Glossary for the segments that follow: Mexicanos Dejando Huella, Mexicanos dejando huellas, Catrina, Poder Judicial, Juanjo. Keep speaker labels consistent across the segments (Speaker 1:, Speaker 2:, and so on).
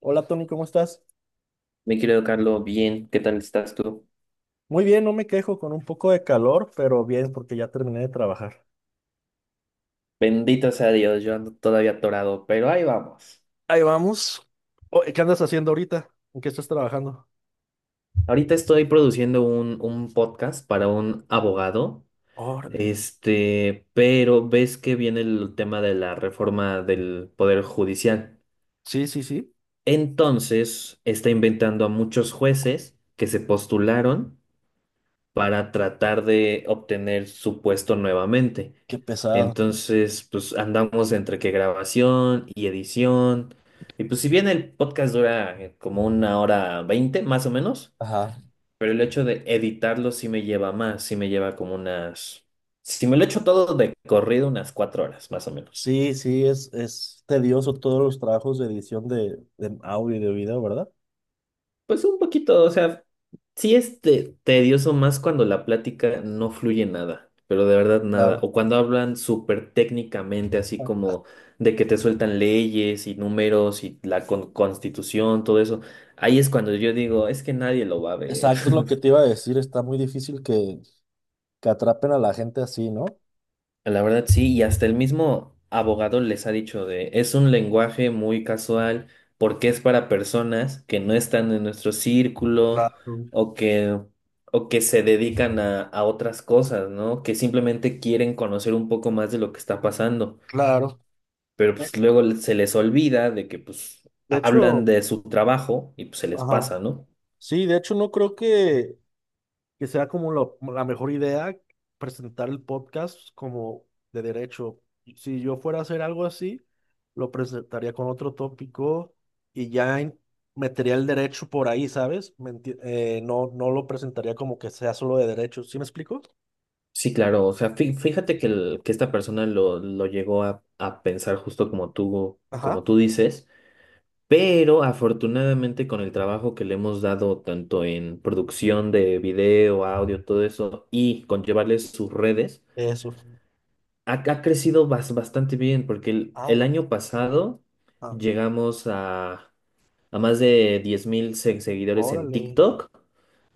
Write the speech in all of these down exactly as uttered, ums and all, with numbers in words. Speaker 1: Hola Tony, ¿cómo estás?
Speaker 2: Mi querido Carlos, bien, ¿qué tal estás tú?
Speaker 1: Muy bien, no me quejo con un poco de calor, pero bien porque ya terminé de trabajar.
Speaker 2: Bendito sea Dios, yo ando todavía atorado, pero ahí vamos.
Speaker 1: Ahí vamos. Oh, ¿qué andas haciendo ahorita? ¿En qué estás trabajando?
Speaker 2: Ahorita estoy produciendo un, un podcast para un abogado,
Speaker 1: Órale.
Speaker 2: este, pero ves que viene el tema de la reforma del Poder Judicial.
Speaker 1: Sí, sí, sí.
Speaker 2: Entonces, está inventando a muchos jueces que se postularon para tratar de obtener su puesto nuevamente.
Speaker 1: Qué pesado.
Speaker 2: Entonces, pues andamos entre que grabación y edición. Y pues si bien el podcast dura eh, como una hora veinte, más o menos,
Speaker 1: Ajá.
Speaker 2: pero el hecho de editarlo sí me lleva más, sí me lleva como unas... Si me lo echo todo de corrido, unas cuatro horas, más o menos.
Speaker 1: Sí, sí, es, es tedioso todos los trabajos de edición de, de audio y de video, ¿verdad?
Speaker 2: Pues un poquito, o sea, sí es te- tedioso más cuando la plática no fluye nada, pero de verdad nada.
Speaker 1: Claro.
Speaker 2: O cuando hablan súper técnicamente, así
Speaker 1: Ah.
Speaker 2: como de que te sueltan leyes y números y la con- constitución, todo eso. Ahí es cuando yo digo, es que nadie lo va a ver.
Speaker 1: Exacto, es lo que te iba a decir. Está muy difícil que, que atrapen a la gente así, ¿no?
Speaker 2: La verdad sí, y hasta el mismo abogado les ha dicho de, es un lenguaje muy casual porque es para personas que no están en nuestro círculo
Speaker 1: Claro,
Speaker 2: o que, o que se dedican a, a otras cosas, ¿no? Que simplemente quieren conocer un poco más de lo que está pasando,
Speaker 1: claro.
Speaker 2: pero
Speaker 1: Eh,
Speaker 2: pues luego le- se les olvida de que pues
Speaker 1: De
Speaker 2: hablan
Speaker 1: hecho,
Speaker 2: de su trabajo y pues se les
Speaker 1: ajá.
Speaker 2: pasa, ¿no?
Speaker 1: Sí, de hecho no creo que que sea como lo- la mejor idea presentar el podcast como de derecho. Si yo fuera a hacer algo así, lo presentaría con otro tópico y ya in- metería el derecho por ahí, ¿sabes? ¿Me enti- eh, no, no lo presentaría como que sea solo de derecho. ¿Sí me explico?
Speaker 2: Sí, claro, o sea, fí- fíjate que, el- que esta persona lo, lo llegó a, a pensar justo como tú, como
Speaker 1: Ajá.
Speaker 2: tú dices. Pero afortunadamente con el trabajo que le hemos dado tanto en producción de video, audio, todo eso, y con llevarles sus redes,
Speaker 1: Eso.
Speaker 2: ha, ha crecido bas- bastante bien, porque el,
Speaker 1: Ah,
Speaker 2: el
Speaker 1: bueno.
Speaker 2: año pasado
Speaker 1: Ah,
Speaker 2: llegamos a, a más de diez mil se- seguidores en
Speaker 1: órale.
Speaker 2: TikTok,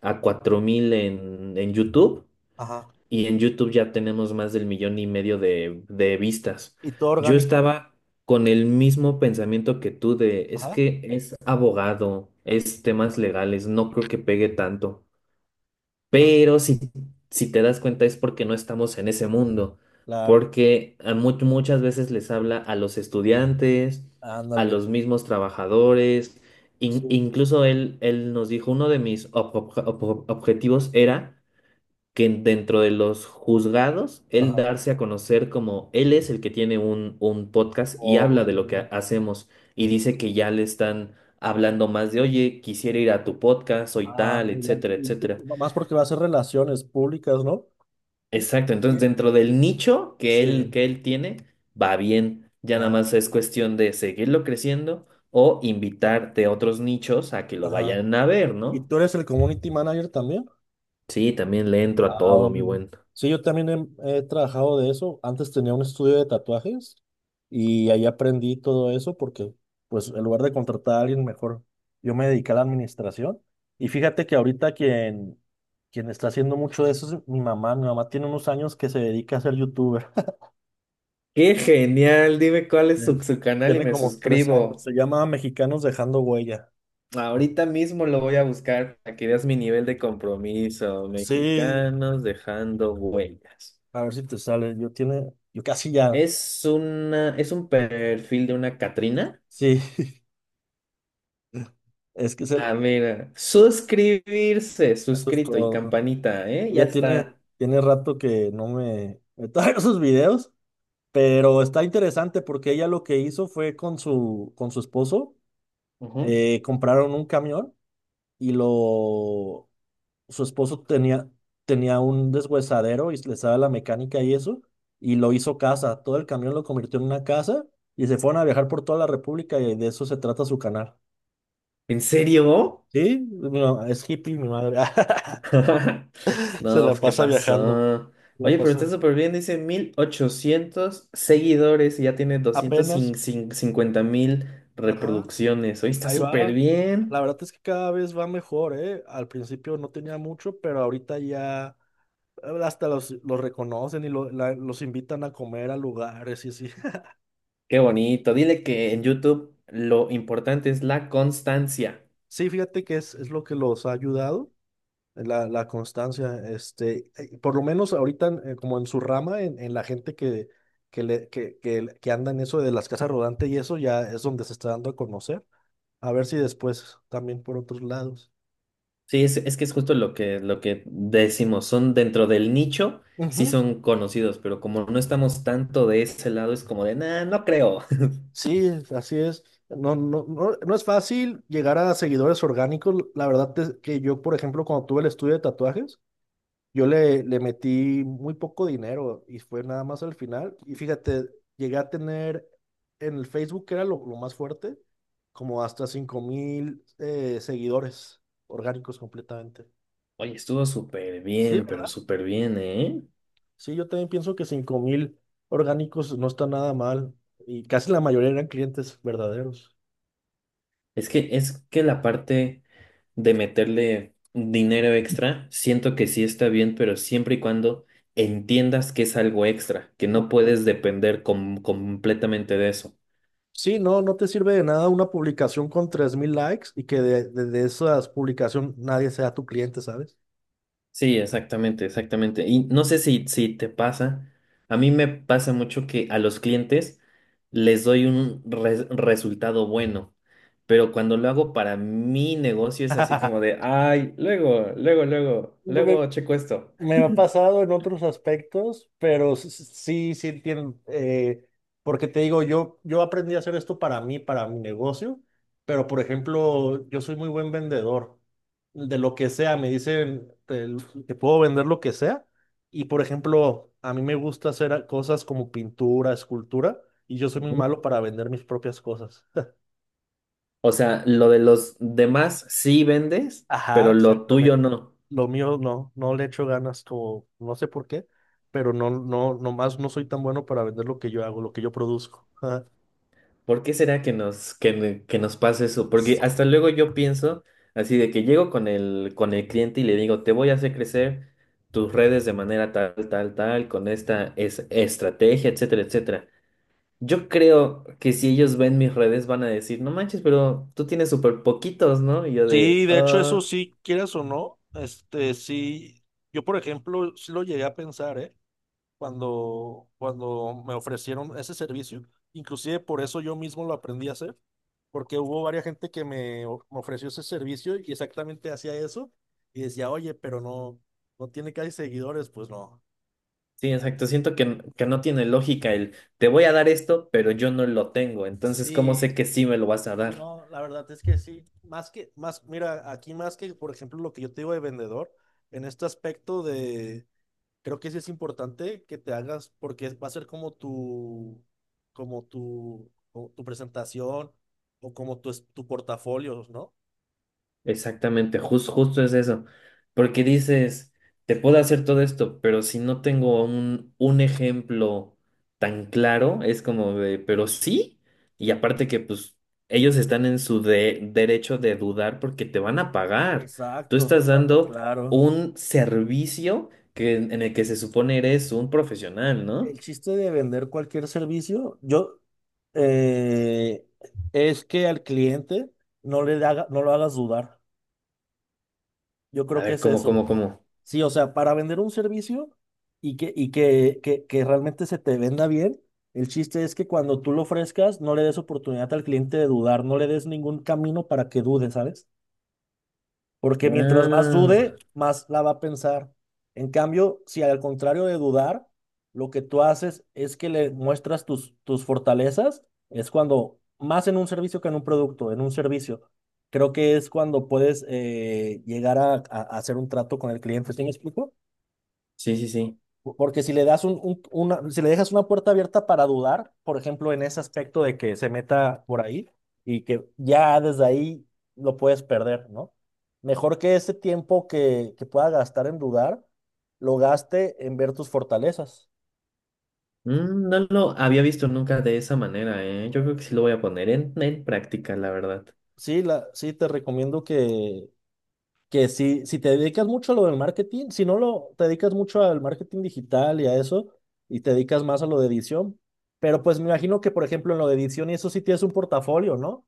Speaker 2: a cuatro mil en, en YouTube
Speaker 1: Ajá.
Speaker 2: y en YouTube ya tenemos más del millón y medio de, de vistas.
Speaker 1: Y todo
Speaker 2: Yo
Speaker 1: orgánico.
Speaker 2: estaba con el mismo pensamiento que tú de, es
Speaker 1: Ajá.
Speaker 2: que es abogado, es temas legales, no creo que pegue tanto.
Speaker 1: Ah,
Speaker 2: Pero si, si te das cuenta es porque no estamos en ese mundo,
Speaker 1: claro.
Speaker 2: porque a mu- muchas veces les habla a los estudiantes, a
Speaker 1: Ándale.
Speaker 2: los mismos trabajadores. In-
Speaker 1: Sí, pues.
Speaker 2: incluso él, él nos dijo, uno de mis ob- ob- ob- objetivos era que en- dentro de los juzgados, él
Speaker 1: Ajá.
Speaker 2: darse a conocer como él es el que tiene un, un podcast y habla de lo que
Speaker 1: Oh.
Speaker 2: ha- hacemos y dice que ya le están hablando más de, oye, quisiera ir a tu podcast, soy
Speaker 1: Ah,
Speaker 2: tal,
Speaker 1: ya.
Speaker 2: etcétera,
Speaker 1: Y- y
Speaker 2: etcétera.
Speaker 1: más porque va a ser relaciones públicas, ¿no? Y-
Speaker 2: Exacto, entonces
Speaker 1: y-
Speaker 2: dentro del nicho que él,
Speaker 1: Sí.
Speaker 2: que él tiene, va bien, ya nada
Speaker 1: Ah,
Speaker 2: más es cuestión de seguirlo creciendo o invitarte a otros nichos a que lo
Speaker 1: ajá.
Speaker 2: vayan a ver,
Speaker 1: ¿Y
Speaker 2: ¿no?
Speaker 1: tú eres el community manager también?
Speaker 2: Sí, también le entro a
Speaker 1: Ah,
Speaker 2: todo, mi
Speaker 1: órale.
Speaker 2: buen.
Speaker 1: Sí, yo también he, he trabajado de eso. Antes tenía un estudio de tatuajes y ahí aprendí todo eso porque, pues, en lugar de contratar a alguien mejor, yo me dediqué a la administración. Y fíjate que ahorita quien, quien está haciendo mucho de eso es mi mamá. Mi mamá tiene unos años que se dedica a ser youtuber.
Speaker 2: Qué genial, dime cuál es
Speaker 1: Eh,
Speaker 2: su, su canal y
Speaker 1: Tiene
Speaker 2: me
Speaker 1: como tres años.
Speaker 2: suscribo.
Speaker 1: Se llama Mexicanos Dejando Huella.
Speaker 2: Ahorita mismo lo voy a buscar para que veas mi nivel de compromiso.
Speaker 1: Sí,
Speaker 2: Mexicanos dejando huellas.
Speaker 1: a ver si te sale. Yo tiene, yo casi ya.
Speaker 2: Es una, es un perfil de una Catrina.
Speaker 1: Sí, es que se el,
Speaker 2: Ah, mira, suscribirse,
Speaker 1: eso es
Speaker 2: suscrito y
Speaker 1: todo.
Speaker 2: campanita, ¿eh? Ya
Speaker 1: Ya tiene,
Speaker 2: está.
Speaker 1: Tiene rato que no me, me traigo sus videos, pero está interesante porque ella lo que hizo fue con su, con su esposo,
Speaker 2: Ujú.
Speaker 1: eh, compraron un camión y lo, su esposo tenía, tenía un deshuesadero y le sabe la mecánica y eso, y lo hizo casa, todo el camión lo convirtió en una casa y se fueron a viajar por toda la República y de eso se trata su canal.
Speaker 2: ¿En serio?
Speaker 1: Sí, mi ma- es hippie, mi madre. Se
Speaker 2: No,
Speaker 1: la
Speaker 2: pues, ¿qué
Speaker 1: pasa viajando.
Speaker 2: pasó?
Speaker 1: La
Speaker 2: Oye, pero está
Speaker 1: pasa
Speaker 2: súper bien, dice mil ochocientos seguidores y ya tiene doscientos
Speaker 1: apenas.
Speaker 2: cincuenta mil
Speaker 1: Ajá.
Speaker 2: reproducciones. Oye, está
Speaker 1: Ahí
Speaker 2: súper
Speaker 1: va. La
Speaker 2: bien.
Speaker 1: verdad es que cada vez va mejor, ¿eh? Al principio no tenía mucho, pero ahorita ya eh, hasta los, los reconocen y lo- la- los invitan a comer a lugares y así.
Speaker 2: Qué bonito. Dile que en YouTube lo importante es la constancia.
Speaker 1: Sí, fíjate que es, es lo que los ha ayudado, eh, la, la constancia, este, eh, por lo menos ahorita en- eh, como en su rama, en, en la gente que, que, le, que, que, le- que anda en eso de las casas rodantes y eso ya es donde se está dando a conocer, a ver si después también por otros lados.
Speaker 2: Sí, es, es que es justo lo que, lo que decimos. Son dentro del nicho, sí
Speaker 1: Ujú,
Speaker 2: son conocidos, pero como no estamos tanto de ese lado, es como de, nah, no creo.
Speaker 1: sí, así es. No, no, no, no es fácil llegar a seguidores orgánicos. La verdad es que yo, por ejemplo, cuando tuve el estudio de tatuajes, yo le, le metí muy poco dinero y fue nada más al final. Y fíjate, llegué a tener en el Facebook, que era lo, lo más fuerte, como hasta cinco mil eh, seguidores orgánicos completamente.
Speaker 2: Oye, estuvo súper
Speaker 1: Sí,
Speaker 2: bien, pero
Speaker 1: ¿verdad?
Speaker 2: súper bien, ¿eh?
Speaker 1: Sí, yo también pienso que cinco mil orgánicos no está nada mal. Y casi la mayoría eran clientes verdaderos.
Speaker 2: Es que, es que la parte de meterle dinero extra, siento que sí está bien, pero siempre y cuando entiendas que es algo extra, que no puedes depender com- completamente de eso.
Speaker 1: Sí, no, no te sirve de nada una publicación con tres mil likes y que de, de, de esas publicaciones nadie sea tu cliente, ¿sabes?
Speaker 2: Sí, exactamente, exactamente. Y no sé si, si te pasa, a mí me pasa mucho que a los clientes les doy un re- resultado bueno, pero cuando lo hago para mi negocio es así como de, ay, luego, luego, luego,
Speaker 1: No me-
Speaker 2: luego checo esto.
Speaker 1: Me ha pasado en otros aspectos, pero s- s- sí, sí entiendo, eh, porque te digo, yo, yo aprendí a hacer esto para mí, para mi negocio, pero por ejemplo, yo soy muy buen vendedor de lo que sea, me dicen, te, te puedo vender lo que sea, y por ejemplo, a mí me gusta hacer a- cosas como pintura, escultura, y yo soy muy malo para vender mis propias cosas.
Speaker 2: O sea, lo de los demás sí vendes,
Speaker 1: Ajá,
Speaker 2: pero lo tuyo
Speaker 1: exactamente.
Speaker 2: no.
Speaker 1: Lo mío no, no le echo ganas como, no sé por qué, pero no, no, nomás no soy tan bueno para vender lo que yo hago, lo que yo produzco.
Speaker 2: ¿Por qué será que nos, que, n- que nos pasa eso? Porque hasta luego yo pienso así de que llego con el, con el cliente y le digo, te voy a hacer crecer tus redes de manera tal, tal, tal, con esta es- estrategia, etcétera, etcétera. Yo creo que si ellos ven mis redes van a decir, no manches, pero tú tienes súper poquitos, ¿no? Y yo de,
Speaker 1: Sí, de hecho, eso
Speaker 2: "Ah".
Speaker 1: sí, quieras o no, este, sí, yo por ejemplo, sí lo llegué a pensar, ¿eh? Cuando, cuando me ofrecieron ese servicio, inclusive por eso yo mismo lo aprendí a hacer, porque hubo varias gente que me, o- me ofreció ese servicio y exactamente hacía eso, y decía, oye, pero no, no tiene casi seguidores, pues no.
Speaker 2: Sí, exacto. Siento que, que no tiene lógica el te voy a dar esto, pero yo no lo tengo. Entonces, ¿cómo sé
Speaker 1: Sí.
Speaker 2: que sí me lo vas a
Speaker 1: Y
Speaker 2: dar?
Speaker 1: no, la verdad es que sí. Más que, más, mira, aquí más que, por ejemplo, lo que yo te digo de vendedor, en este aspecto de, creo que sí es importante que te hagas, porque va a ser como tu, como tu, como tu presentación o como tu, es- tu portafolio, ¿no?
Speaker 2: Exactamente, jus- justo es eso. Porque dices, te puedo hacer todo esto, pero si no tengo un, un ejemplo tan claro, es como de, pero sí. Y aparte que pues ellos están en su de- derecho de dudar porque te van a pagar. Tú
Speaker 1: Exacto,
Speaker 2: estás dando
Speaker 1: claro.
Speaker 2: un servicio que, en el que se supone eres un profesional, ¿no?
Speaker 1: El chiste de vender cualquier servicio, yo, eh, es que al cliente no le haga, no lo hagas dudar. Yo
Speaker 2: A
Speaker 1: creo que
Speaker 2: ver,
Speaker 1: es
Speaker 2: ¿cómo,
Speaker 1: eso.
Speaker 2: cómo, cómo?
Speaker 1: Sí, o sea, para vender un servicio y que, y que, que, que realmente se te venda bien, el chiste es que cuando tú lo ofrezcas, no le des oportunidad al cliente de dudar, no le des ningún camino para que dude, ¿sabes? Porque mientras más
Speaker 2: Ah,
Speaker 1: dude, más la va a pensar. En cambio, si al contrario de dudar, lo que tú haces es que le muestras tus, tus fortalezas, es cuando, más en un servicio que en un producto, en un servicio, creo que es cuando puedes eh, llegar a, a- a hacer un trato con el cliente. ¿Sí me explico?
Speaker 2: sí, sí, sí.
Speaker 1: Porque si le das un, un- una, si le dejas una puerta abierta para dudar, por ejemplo, en ese aspecto de que se meta por ahí y que ya desde ahí lo puedes perder, ¿no? Mejor que ese tiempo que, que pueda gastar en dudar, lo gaste en ver tus fortalezas.
Speaker 2: Mm, no lo había visto nunca de esa manera, ¿eh? Yo creo que sí lo voy a poner en, en práctica, la verdad.
Speaker 1: Sí, la, sí, te recomiendo que, que si, si te dedicas mucho a lo del marketing, si no lo, te dedicas mucho al marketing digital y a eso, y te dedicas más a lo de edición, pero pues me imagino que, por ejemplo, en lo de edición y eso sí tienes un portafolio, ¿no?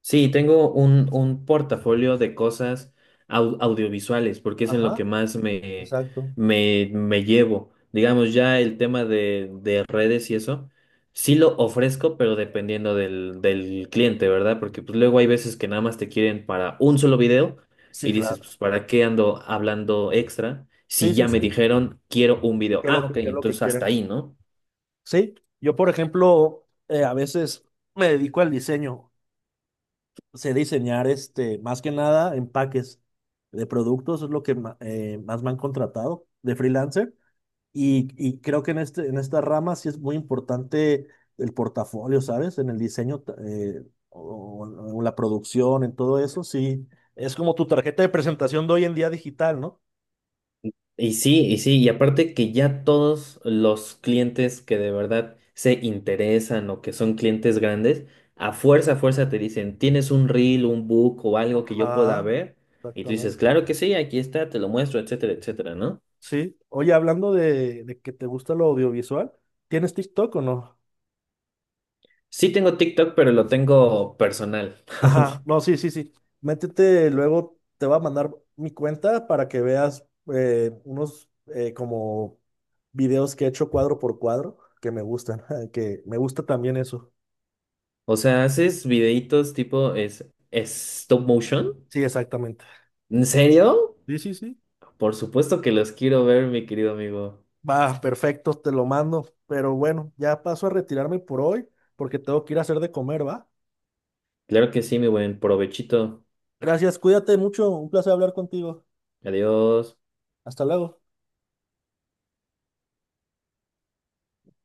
Speaker 2: Sí, tengo un, un portafolio de cosas au- audiovisuales, porque es en lo
Speaker 1: Ajá,
Speaker 2: que más me,
Speaker 1: exacto.
Speaker 2: me, me llevo. Digamos, ya el tema de, de redes y eso, sí lo ofrezco, pero dependiendo del, del cliente, ¿verdad? Porque pues, luego hay veces que nada más te quieren para un solo video
Speaker 1: Sí,
Speaker 2: y dices,
Speaker 1: claro.
Speaker 2: pues, ¿para qué ando hablando extra?
Speaker 1: Sí,
Speaker 2: Si
Speaker 1: sí,
Speaker 2: ya me
Speaker 1: sí.
Speaker 2: dijeron, quiero un video.
Speaker 1: ¿Qué es lo
Speaker 2: Ah,
Speaker 1: que,
Speaker 2: ok,
Speaker 1: qué es lo que
Speaker 2: entonces hasta
Speaker 1: quieren?
Speaker 2: ahí, ¿no?
Speaker 1: Sí, yo, por ejemplo, eh, a veces me dedico al diseño. Sé diseñar, este, más que nada, empaques de productos, es lo que ma- eh, más me han contratado de freelancer. Y, y creo que en este, en esta rama sí es muy importante el portafolio, ¿sabes? En el diseño ta- eh, o, o la producción, en todo eso, sí. Es como tu tarjeta de presentación de hoy en día digital, ¿no?
Speaker 2: Y sí, y sí, y aparte que ya todos los clientes que de verdad se interesan o que son clientes grandes, a fuerza, a fuerza te dicen, ¿tienes un reel, un book o algo que yo pueda
Speaker 1: Ajá.
Speaker 2: ver? Y tú dices,
Speaker 1: Exactamente.
Speaker 2: claro que sí, aquí está, te lo muestro, etcétera, etcétera, ¿no?
Speaker 1: Sí. Oye, hablando de, de que te gusta lo audiovisual, ¿tienes TikTok o no?
Speaker 2: Sí tengo TikTok, pero lo tengo personal.
Speaker 1: Ajá, no, sí, sí, sí. Métete, luego te va a mandar mi cuenta para que veas eh, unos eh, como videos que he hecho cuadro por cuadro que me gustan, que me gusta también eso.
Speaker 2: O sea, haces videitos tipo es, es stop motion.
Speaker 1: Sí, exactamente.
Speaker 2: ¿En serio?
Speaker 1: Sí, sí, sí.
Speaker 2: Por supuesto que los quiero ver, mi querido amigo.
Speaker 1: Va, perfecto, te lo mando. Pero bueno, ya paso a retirarme por hoy porque tengo que ir a hacer de comer, ¿va?
Speaker 2: Claro que sí, mi buen provechito.
Speaker 1: Gracias, cuídate mucho, un placer hablar contigo.
Speaker 2: Adiós.
Speaker 1: Hasta luego.